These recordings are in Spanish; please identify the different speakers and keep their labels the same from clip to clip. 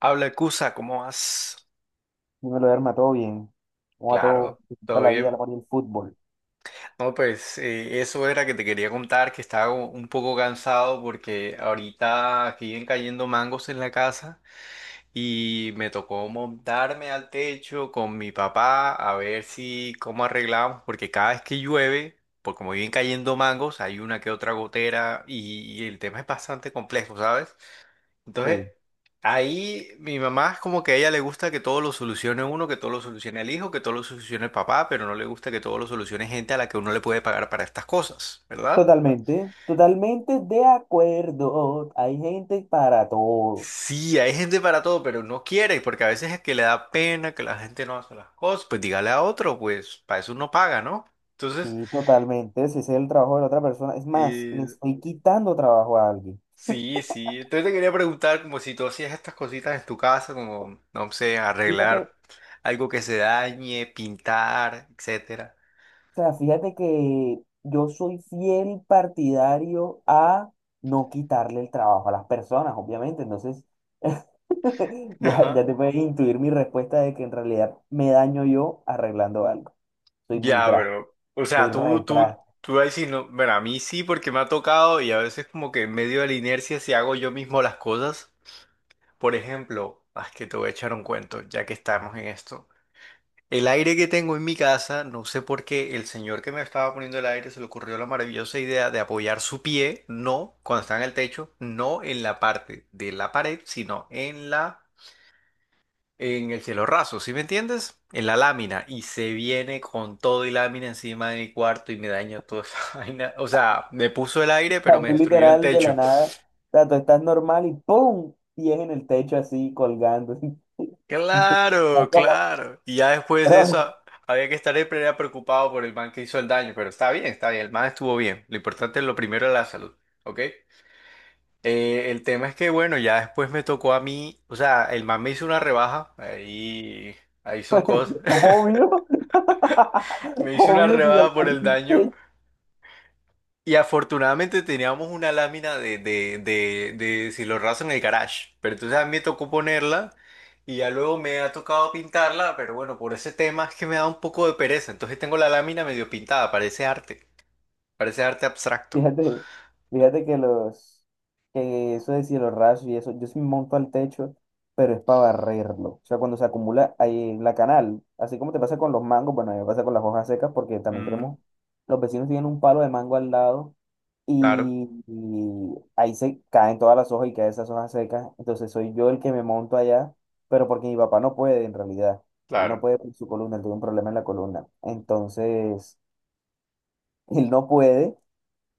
Speaker 1: Habla Cusa, ¿cómo vas?
Speaker 2: Dímelo, Derma, todo bien. ¿Cómo va todo?
Speaker 1: Claro,
Speaker 2: ¿Qué
Speaker 1: todo
Speaker 2: tal la vida,
Speaker 1: bien.
Speaker 2: la amor y el fútbol?
Speaker 1: No, pues eso era que te quería contar, que estaba como un poco cansado porque ahorita aquí vienen cayendo mangos en la casa y me tocó montarme al techo con mi papá a ver si cómo arreglamos, porque cada vez que llueve, por como vienen cayendo mangos, hay una que otra gotera y el tema es bastante complejo, ¿sabes?
Speaker 2: Sí,
Speaker 1: Entonces, ahí mi mamá es como que a ella le gusta que todo lo solucione uno, que todo lo solucione el hijo, que todo lo solucione el papá, pero no le gusta que todo lo solucione gente a la que uno le puede pagar para estas cosas, ¿verdad?
Speaker 2: totalmente, totalmente de acuerdo. Hay gente para todo.
Speaker 1: Sí, hay gente para todo, pero no quiere, porque a veces es que le da pena que la gente no hace las cosas, pues dígale a otro, pues para eso uno paga, ¿no? Entonces,
Speaker 2: Sí, totalmente. Si ese es el trabajo de la otra persona. Es más, le
Speaker 1: eh,
Speaker 2: estoy quitando trabajo a alguien.
Speaker 1: sí, sí. Entonces te quería preguntar como si tú hacías estas cositas en tu casa, como, no sé,
Speaker 2: Fíjate, o
Speaker 1: arreglar algo que se dañe, pintar, etcétera.
Speaker 2: sea, fíjate que yo soy fiel partidario a no quitarle el trabajo a las personas, obviamente. Entonces, ya,
Speaker 1: Ajá.
Speaker 2: ya te puedes intuir mi respuesta de que en realidad me daño yo arreglando algo. Soy muy
Speaker 1: Ya,
Speaker 2: drástico.
Speaker 1: bro. O sea,
Speaker 2: Soy
Speaker 1: tú, tú,
Speaker 2: retras.
Speaker 1: tú ahí sí no. Bueno, a mí sí, porque me ha tocado y a veces, como que en medio de la inercia, si hago yo mismo las cosas. Por ejemplo, ah, es que te voy a echar un cuento, ya que estamos en esto. El aire que tengo en mi casa, no sé por qué el señor que me estaba poniendo el aire se le ocurrió la maravillosa idea de apoyar su pie, no cuando está en el techo, no en la parte de la pared, sino en la en el cielo raso, ¿sí me entiendes? En la lámina y se viene con todo y lámina encima de mi cuarto y me dañó toda esa vaina. O sea, me puso el aire, pero me
Speaker 2: Tú
Speaker 1: destruyó el
Speaker 2: literal de la
Speaker 1: techo.
Speaker 2: nada, o sea, tú estás normal y ¡pum! Y es en el techo así colgando. No,
Speaker 1: Claro,
Speaker 2: no,
Speaker 1: claro. Y ya después de eso
Speaker 2: pero,
Speaker 1: había que estar siempre era preocupado por el man que hizo el daño, pero está bien, el man estuvo bien. Lo importante es lo primero es la salud, ¿ok? El tema es que, bueno, ya después me tocó a mí, o sea, el man me hizo una rebaja, ahí, ahí son cosas.
Speaker 2: obvio,
Speaker 1: Me hizo una
Speaker 2: obvio si
Speaker 1: rebaja por el
Speaker 2: dañaste el
Speaker 1: daño.
Speaker 2: techo.
Speaker 1: Y afortunadamente teníamos una lámina de cielorraso en el garage, pero entonces a mí me tocó ponerla y ya luego me ha tocado pintarla, pero bueno, por ese tema es que me da un poco de pereza, entonces tengo la lámina medio pintada, parece arte abstracto.
Speaker 2: Fíjate, fíjate que eso de cielo raso y eso, yo sí me monto al techo, pero es para barrerlo. O sea, cuando se acumula ahí en la canal, así como te pasa con los mangos, bueno, a mí me pasa con las hojas secas porque también
Speaker 1: Mm.
Speaker 2: tenemos, los vecinos tienen un palo de mango al lado
Speaker 1: Claro,
Speaker 2: y ahí se caen todas las hojas y caen esas hojas secas. Entonces soy yo el que me monto allá, pero porque mi papá no puede en realidad. Él no
Speaker 1: claro.
Speaker 2: puede con su columna, él tuvo un problema en la columna. Entonces, él no puede.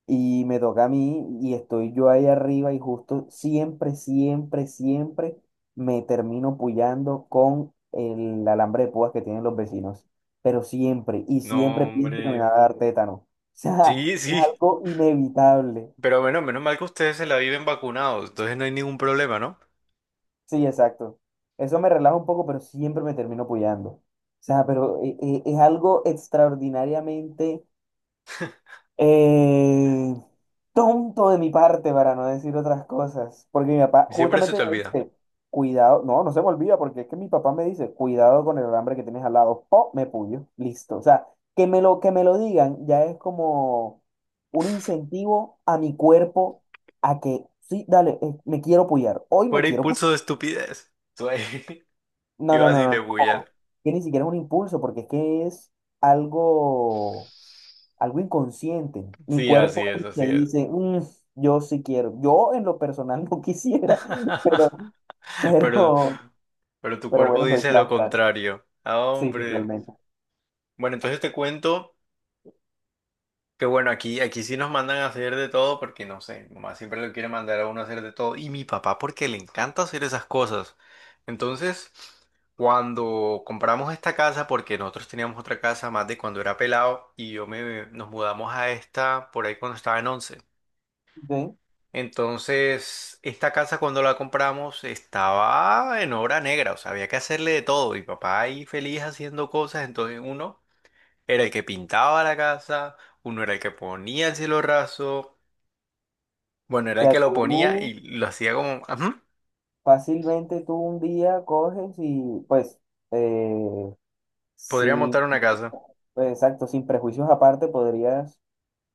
Speaker 2: Y me toca a mí y estoy yo ahí arriba y justo siempre, siempre, siempre me termino puyando con el alambre de púas que tienen los vecinos. Pero siempre, y siempre
Speaker 1: No,
Speaker 2: pienso que me
Speaker 1: hombre.
Speaker 2: va a dar tétano. O sea,
Speaker 1: Sí,
Speaker 2: es
Speaker 1: sí,
Speaker 2: algo inevitable.
Speaker 1: pero bueno, menos mal que ustedes se la viven vacunados, entonces no hay ningún problema, ¿no?
Speaker 2: Sí, exacto. Eso me relaja un poco, pero siempre me termino puyando. O sea, pero es algo extraordinariamente Eh, tonto de mi parte para no decir otras cosas, porque mi papá
Speaker 1: Siempre se
Speaker 2: justamente
Speaker 1: te
Speaker 2: me
Speaker 1: olvida.
Speaker 2: dice, cuidado, no, no se me olvida, porque es que mi papá me dice, cuidado con el alambre que tienes al lado, o me puyo, listo. O sea, que me lo digan ya es como un incentivo a mi cuerpo a que, sí, dale, me quiero puyar, hoy me
Speaker 1: Fuera
Speaker 2: quiero puyar.
Speaker 1: impulso de estupidez. Tú ahí-
Speaker 2: No, no,
Speaker 1: Ibas
Speaker 2: no,
Speaker 1: y
Speaker 2: no,
Speaker 1: te bullas.
Speaker 2: no, que ni siquiera es un impulso, porque es que es algo algo inconsciente. Mi
Speaker 1: Sí, así
Speaker 2: cuerpo es
Speaker 1: es,
Speaker 2: el
Speaker 1: así
Speaker 2: que
Speaker 1: es.
Speaker 2: dice, "Mm, yo sí quiero. Yo en lo personal no quisiera, pero,
Speaker 1: Pero,
Speaker 2: pero,
Speaker 1: pero tu
Speaker 2: pero
Speaker 1: cuerpo
Speaker 2: bueno, soy
Speaker 1: dice lo
Speaker 2: tras tras.
Speaker 1: contrario. Ah,
Speaker 2: Sí,
Speaker 1: hombre.
Speaker 2: totalmente.
Speaker 1: Bueno, entonces te cuento que bueno, aquí, aquí sí nos mandan a hacer de todo porque no sé, mi mamá siempre lo quiere mandar a uno a hacer de todo. Y mi papá porque le encanta hacer esas cosas. Entonces, cuando compramos esta casa, porque nosotros teníamos otra casa más de cuando era pelado y yo me, nos mudamos a esta por ahí cuando estaba en 11.
Speaker 2: ¿Sí? O
Speaker 1: Entonces, esta casa cuando la compramos estaba en obra negra, o sea, había que hacerle de todo. Mi papá ahí feliz haciendo cosas, entonces uno era el que pintaba la casa, uno era el que ponía el cielo raso, bueno, era el
Speaker 2: sea,
Speaker 1: que lo ponía
Speaker 2: tú
Speaker 1: y lo hacía como, "Ujú,
Speaker 2: fácilmente tú un día coges y pues, eh,
Speaker 1: podría
Speaker 2: sí,
Speaker 1: montar una casa".
Speaker 2: pues, exacto, sin prejuicios aparte podrías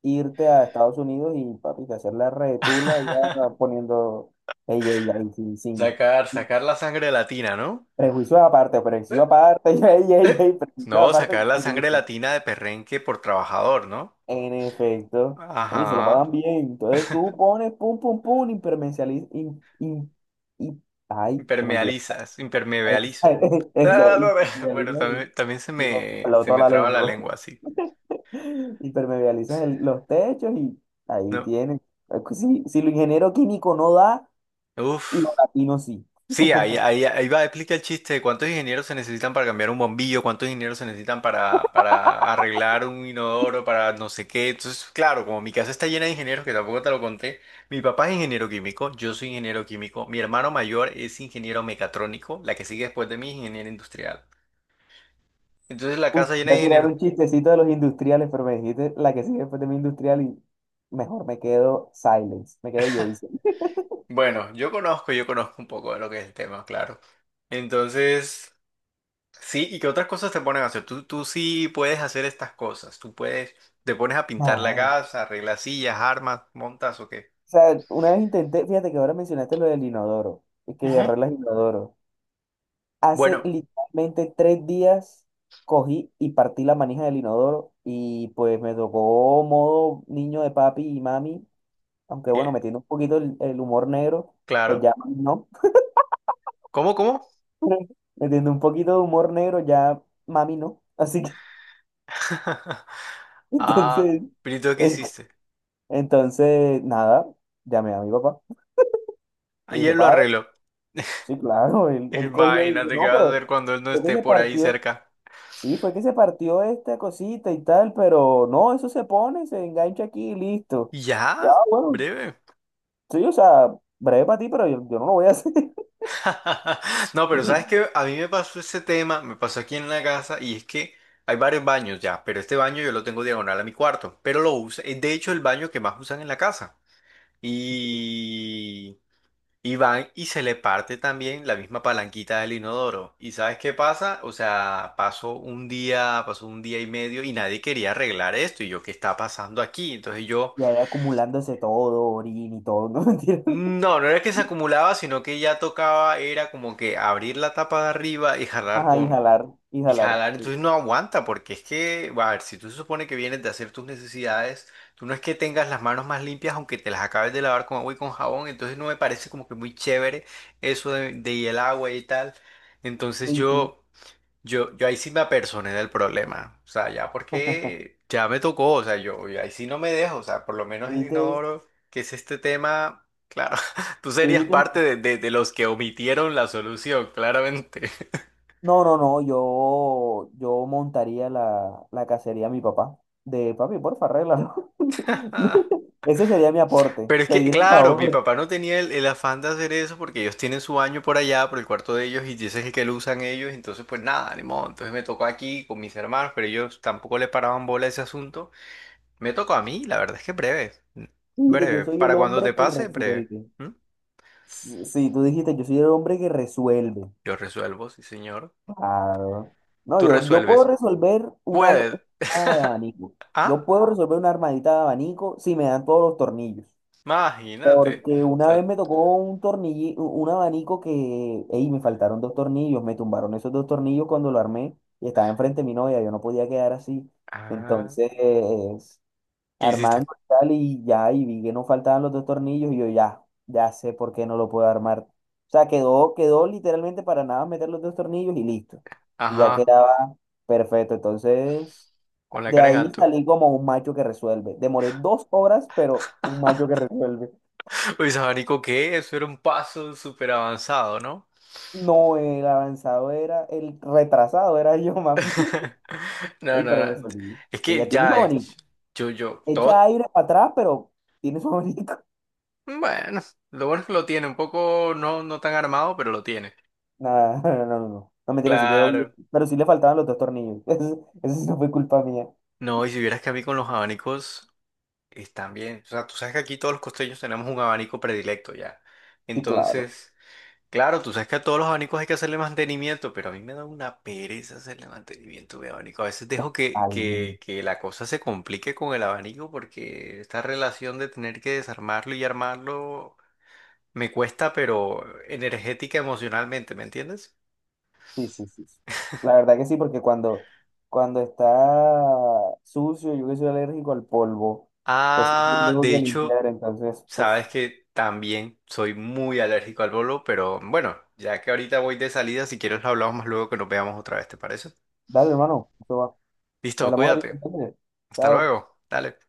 Speaker 2: irte a Estados Unidos y papi, hacer la retula ya poniendo ella, ella, y sin, sin,
Speaker 1: Sacar, sacar la sangre latina, ¿no?
Speaker 2: prejuicio aparte,
Speaker 1: Eh,
Speaker 2: prejuicio aparte, ey, ey,
Speaker 1: eh.
Speaker 2: ey, prejuicio
Speaker 1: No,
Speaker 2: aparte,
Speaker 1: sacar
Speaker 2: yo
Speaker 1: la
Speaker 2: no
Speaker 1: sangre
Speaker 2: dije.
Speaker 1: latina de perrenque por trabajador, ¿no?
Speaker 2: En efecto, ¿no? Y se lo
Speaker 1: Ajá.
Speaker 2: pagan bien. Entonces tú pones pum, pum, pum, im- ay, se me olvidó.
Speaker 1: Impermealizas, impermeabilizo.
Speaker 2: Esa,
Speaker 1: Ah, no no. Bueno,
Speaker 2: impermeabilizas
Speaker 1: también, también se
Speaker 2: me
Speaker 1: me,
Speaker 2: peló
Speaker 1: se
Speaker 2: toda
Speaker 1: me
Speaker 2: la
Speaker 1: traba la
Speaker 2: lengua.
Speaker 1: lengua así,
Speaker 2: Impermeabilizas los techos y ahí
Speaker 1: ¿no?
Speaker 2: tienen. Es que si, si lo ingeniero químico no da,
Speaker 1: Uf.
Speaker 2: lo latino sí.
Speaker 1: Sí, ahí, ahí, ahí va, explica el chiste de cuántos ingenieros se necesitan para cambiar un bombillo, cuántos ingenieros se necesitan para arreglar un inodoro, para no sé qué. Entonces, claro, como mi casa está llena de ingenieros, que tampoco te lo conté, mi papá es ingeniero químico, yo soy ingeniero químico, mi hermano mayor es ingeniero mecatrónico, la que sigue después de mí es ingeniero industrial. Entonces, la
Speaker 2: Uf,
Speaker 1: casa llena
Speaker 2: voy
Speaker 1: de
Speaker 2: a tirar
Speaker 1: ingenieros.
Speaker 2: un chistecito de los industriales, pero me dijiste la que sigue después de mi industrial y mejor me quedo Silence, me quedo Jason.
Speaker 1: Bueno, yo conozco un poco de lo que es el tema, claro. Entonces, sí, ¿y qué otras cosas te ponen a hacer? Tú sí puedes hacer estas cosas. Tú puedes, te pones a pintar la
Speaker 2: Ah. O
Speaker 1: casa, arreglas sillas, armas, montas o qué.
Speaker 2: sea, una vez intenté, fíjate que ahora mencionaste lo del inodoro, y que
Speaker 1: Ajá.
Speaker 2: arreglas inodoro. Hace
Speaker 1: Bueno,
Speaker 2: literalmente 3 días cogí y partí la manija del inodoro y pues me tocó modo niño de papi y mami, aunque bueno,
Speaker 1: y
Speaker 2: metiendo un poquito el humor negro, pues
Speaker 1: claro.
Speaker 2: ya mami no,
Speaker 1: ¿Cómo, cómo?
Speaker 2: metiendo un poquito de humor negro, ya mami no. Así que...
Speaker 1: Ah,
Speaker 2: Entonces,
Speaker 1: Pirito, ¿qué
Speaker 2: en-
Speaker 1: hiciste?
Speaker 2: entonces, nada, llamé a mi papá. Le dije,
Speaker 1: Ayer lo
Speaker 2: padre,
Speaker 1: arregló.
Speaker 2: sí, claro, el collo ahí.
Speaker 1: Imagínate qué
Speaker 2: No,
Speaker 1: vas a
Speaker 2: pero
Speaker 1: hacer cuando él no
Speaker 2: fue que
Speaker 1: esté
Speaker 2: se
Speaker 1: por ahí
Speaker 2: partió,
Speaker 1: cerca.
Speaker 2: sí, fue que se partió esta cosita y tal, pero no, eso se pone, se engancha aquí y listo. Ya,
Speaker 1: ¿Ya?
Speaker 2: bueno,
Speaker 1: Breve.
Speaker 2: sí, o sea, breve para ti, pero yo no lo voy a hacer.
Speaker 1: No, pero
Speaker 2: Y,
Speaker 1: sabes que a mí me pasó ese tema, me pasó aquí en la casa y es que hay varios baños ya, pero este baño yo lo tengo diagonal a mi cuarto, pero lo uso, es de hecho el baño que más usan en la casa. Y, y van y se le parte también la misma palanquita del inodoro. ¿Y sabes qué pasa? O sea, pasó un día y medio y nadie quería arreglar esto y yo, ¿qué está pasando aquí? Entonces yo...
Speaker 2: y ahí acumulándose todo, orín y todo, ¿no? Mentira.
Speaker 1: No, no era que se acumulaba, sino que ya tocaba, era como que abrir la tapa de arriba y jalar
Speaker 2: Ajá,
Speaker 1: con...
Speaker 2: inhalar,
Speaker 1: Y
Speaker 2: inhalar.
Speaker 1: jalar,
Speaker 2: Sí.
Speaker 1: entonces no aguanta, porque es que, a ver, si tú se supone que vienes de hacer tus necesidades, tú no es que tengas las manos más limpias, aunque te las acabes de lavar con agua y con jabón, entonces no me parece como que muy chévere eso de y el agua y tal.
Speaker 2: Tú
Speaker 1: Entonces
Speaker 2: dijiste,
Speaker 1: yo... Yo ahí sí me apersoné del problema, o sea, ya porque ya me tocó, o sea, yo ahí sí no me dejo, o sea, por lo
Speaker 2: tú
Speaker 1: menos el
Speaker 2: dijiste
Speaker 1: inodoro, que es este tema, claro, tú
Speaker 2: tú
Speaker 1: serías
Speaker 2: dijiste
Speaker 1: parte de los que omitieron la solución, claramente.
Speaker 2: no, no, no, yo montaría la cacería a mi papá. De papi, porfa, arréglalo. Ese sería mi aporte,
Speaker 1: Pero es que,
Speaker 2: pedir el
Speaker 1: claro, mi
Speaker 2: favor.
Speaker 1: papá no tenía el afán de hacer eso porque ellos tienen su baño por allá, por el cuarto de ellos, y ese es el que lo usan ellos, entonces pues nada, ni modo, entonces me tocó aquí con mis hermanos, pero ellos tampoco le paraban bola a ese asunto. Me tocó a mí, la verdad es que breve. Mm.
Speaker 2: Dijiste, yo
Speaker 1: Breve.
Speaker 2: soy el
Speaker 1: Para cuando te
Speaker 2: hombre que
Speaker 1: pase, breve.
Speaker 2: resuelve.
Speaker 1: ¿Mm?
Speaker 2: Sí, sí, tú dijiste, yo soy el hombre que resuelve.
Speaker 1: Yo resuelvo, sí, señor.
Speaker 2: Claro. No,
Speaker 1: Tú
Speaker 2: yo puedo
Speaker 1: resuelves.
Speaker 2: resolver
Speaker 1: Puedes.
Speaker 2: una armada de abanico.
Speaker 1: Ah,
Speaker 2: Yo puedo resolver una armadita de abanico si me dan todos los tornillos.
Speaker 1: imagínate.
Speaker 2: Porque
Speaker 1: O
Speaker 2: una
Speaker 1: sea,
Speaker 2: vez me tocó un tornillo, un abanico que, ey, me faltaron dos tornillos, me tumbaron esos dos tornillos cuando lo armé y estaba enfrente de mi novia, yo no podía quedar así.
Speaker 1: ah,
Speaker 2: Entonces,
Speaker 1: ¿qué hiciste?
Speaker 2: armando y tal, y ya, y vi que no faltaban los dos tornillos y yo ya sé por qué no lo puedo armar. O sea, quedó literalmente para nada meter los dos tornillos y listo. Y ya
Speaker 1: Ajá,
Speaker 2: quedaba perfecto. Entonces,
Speaker 1: con la
Speaker 2: de
Speaker 1: cara en
Speaker 2: ahí
Speaker 1: alto.
Speaker 2: salí como un macho que resuelve. Demoré 2 horas, pero un macho que resuelve.
Speaker 1: Uy, sabanico, ¿qué? Eso era un paso súper avanzado, ¿no?
Speaker 2: No, el avanzado era, el retrasado era yo, mami.
Speaker 1: No, no,
Speaker 2: Ey, pero
Speaker 1: no.
Speaker 2: resolví.
Speaker 1: Es que
Speaker 2: Ella tiene su
Speaker 1: ya,
Speaker 2: abanico.
Speaker 1: yo, yo,
Speaker 2: Echa
Speaker 1: todo.
Speaker 2: aire para atrás, pero tiene su abanico.
Speaker 1: Bueno, lo bueno es que lo tiene, un poco no, no tan armado, pero lo tiene.
Speaker 2: Nada, no, no, no. No, mentira, sí quedó bien.
Speaker 1: Claro.
Speaker 2: Pero sí le faltaban los dos tornillos. Eso sí no fue culpa mía.
Speaker 1: No, y si vieras que a mí con los abanicos. Están bien, o sea, tú sabes que aquí todos los costeños tenemos un abanico predilecto ya.
Speaker 2: Sí, claro.
Speaker 1: Entonces, claro, tú sabes que a todos los abanicos hay que hacerle mantenimiento, pero a mí me da una pereza hacerle mantenimiento a mi abanico. A veces dejo que,
Speaker 2: Ay, no.
Speaker 1: que, que la cosa se complique con el abanico porque esta relación de tener que desarmarlo y armarlo me cuesta, pero energética, emocionalmente, ¿me entiendes?
Speaker 2: Sí, sí, sí. Sí. La verdad que sí, porque cuando, cuando está sucio, yo que soy alérgico al polvo, pues sí
Speaker 1: Ah,
Speaker 2: tengo
Speaker 1: de
Speaker 2: que
Speaker 1: hecho,
Speaker 2: limpiar. Entonces, uf.
Speaker 1: sabes que también soy muy alérgico al bolo, pero bueno, ya que ahorita voy de salida, si quieres lo hablamos más luego que nos veamos otra vez, ¿te parece?
Speaker 2: Dale, hermano. Eso va.
Speaker 1: Listo,
Speaker 2: Hablamos ahorita,
Speaker 1: cuídate.
Speaker 2: entonces.
Speaker 1: Hasta
Speaker 2: Chao.
Speaker 1: luego. Dale.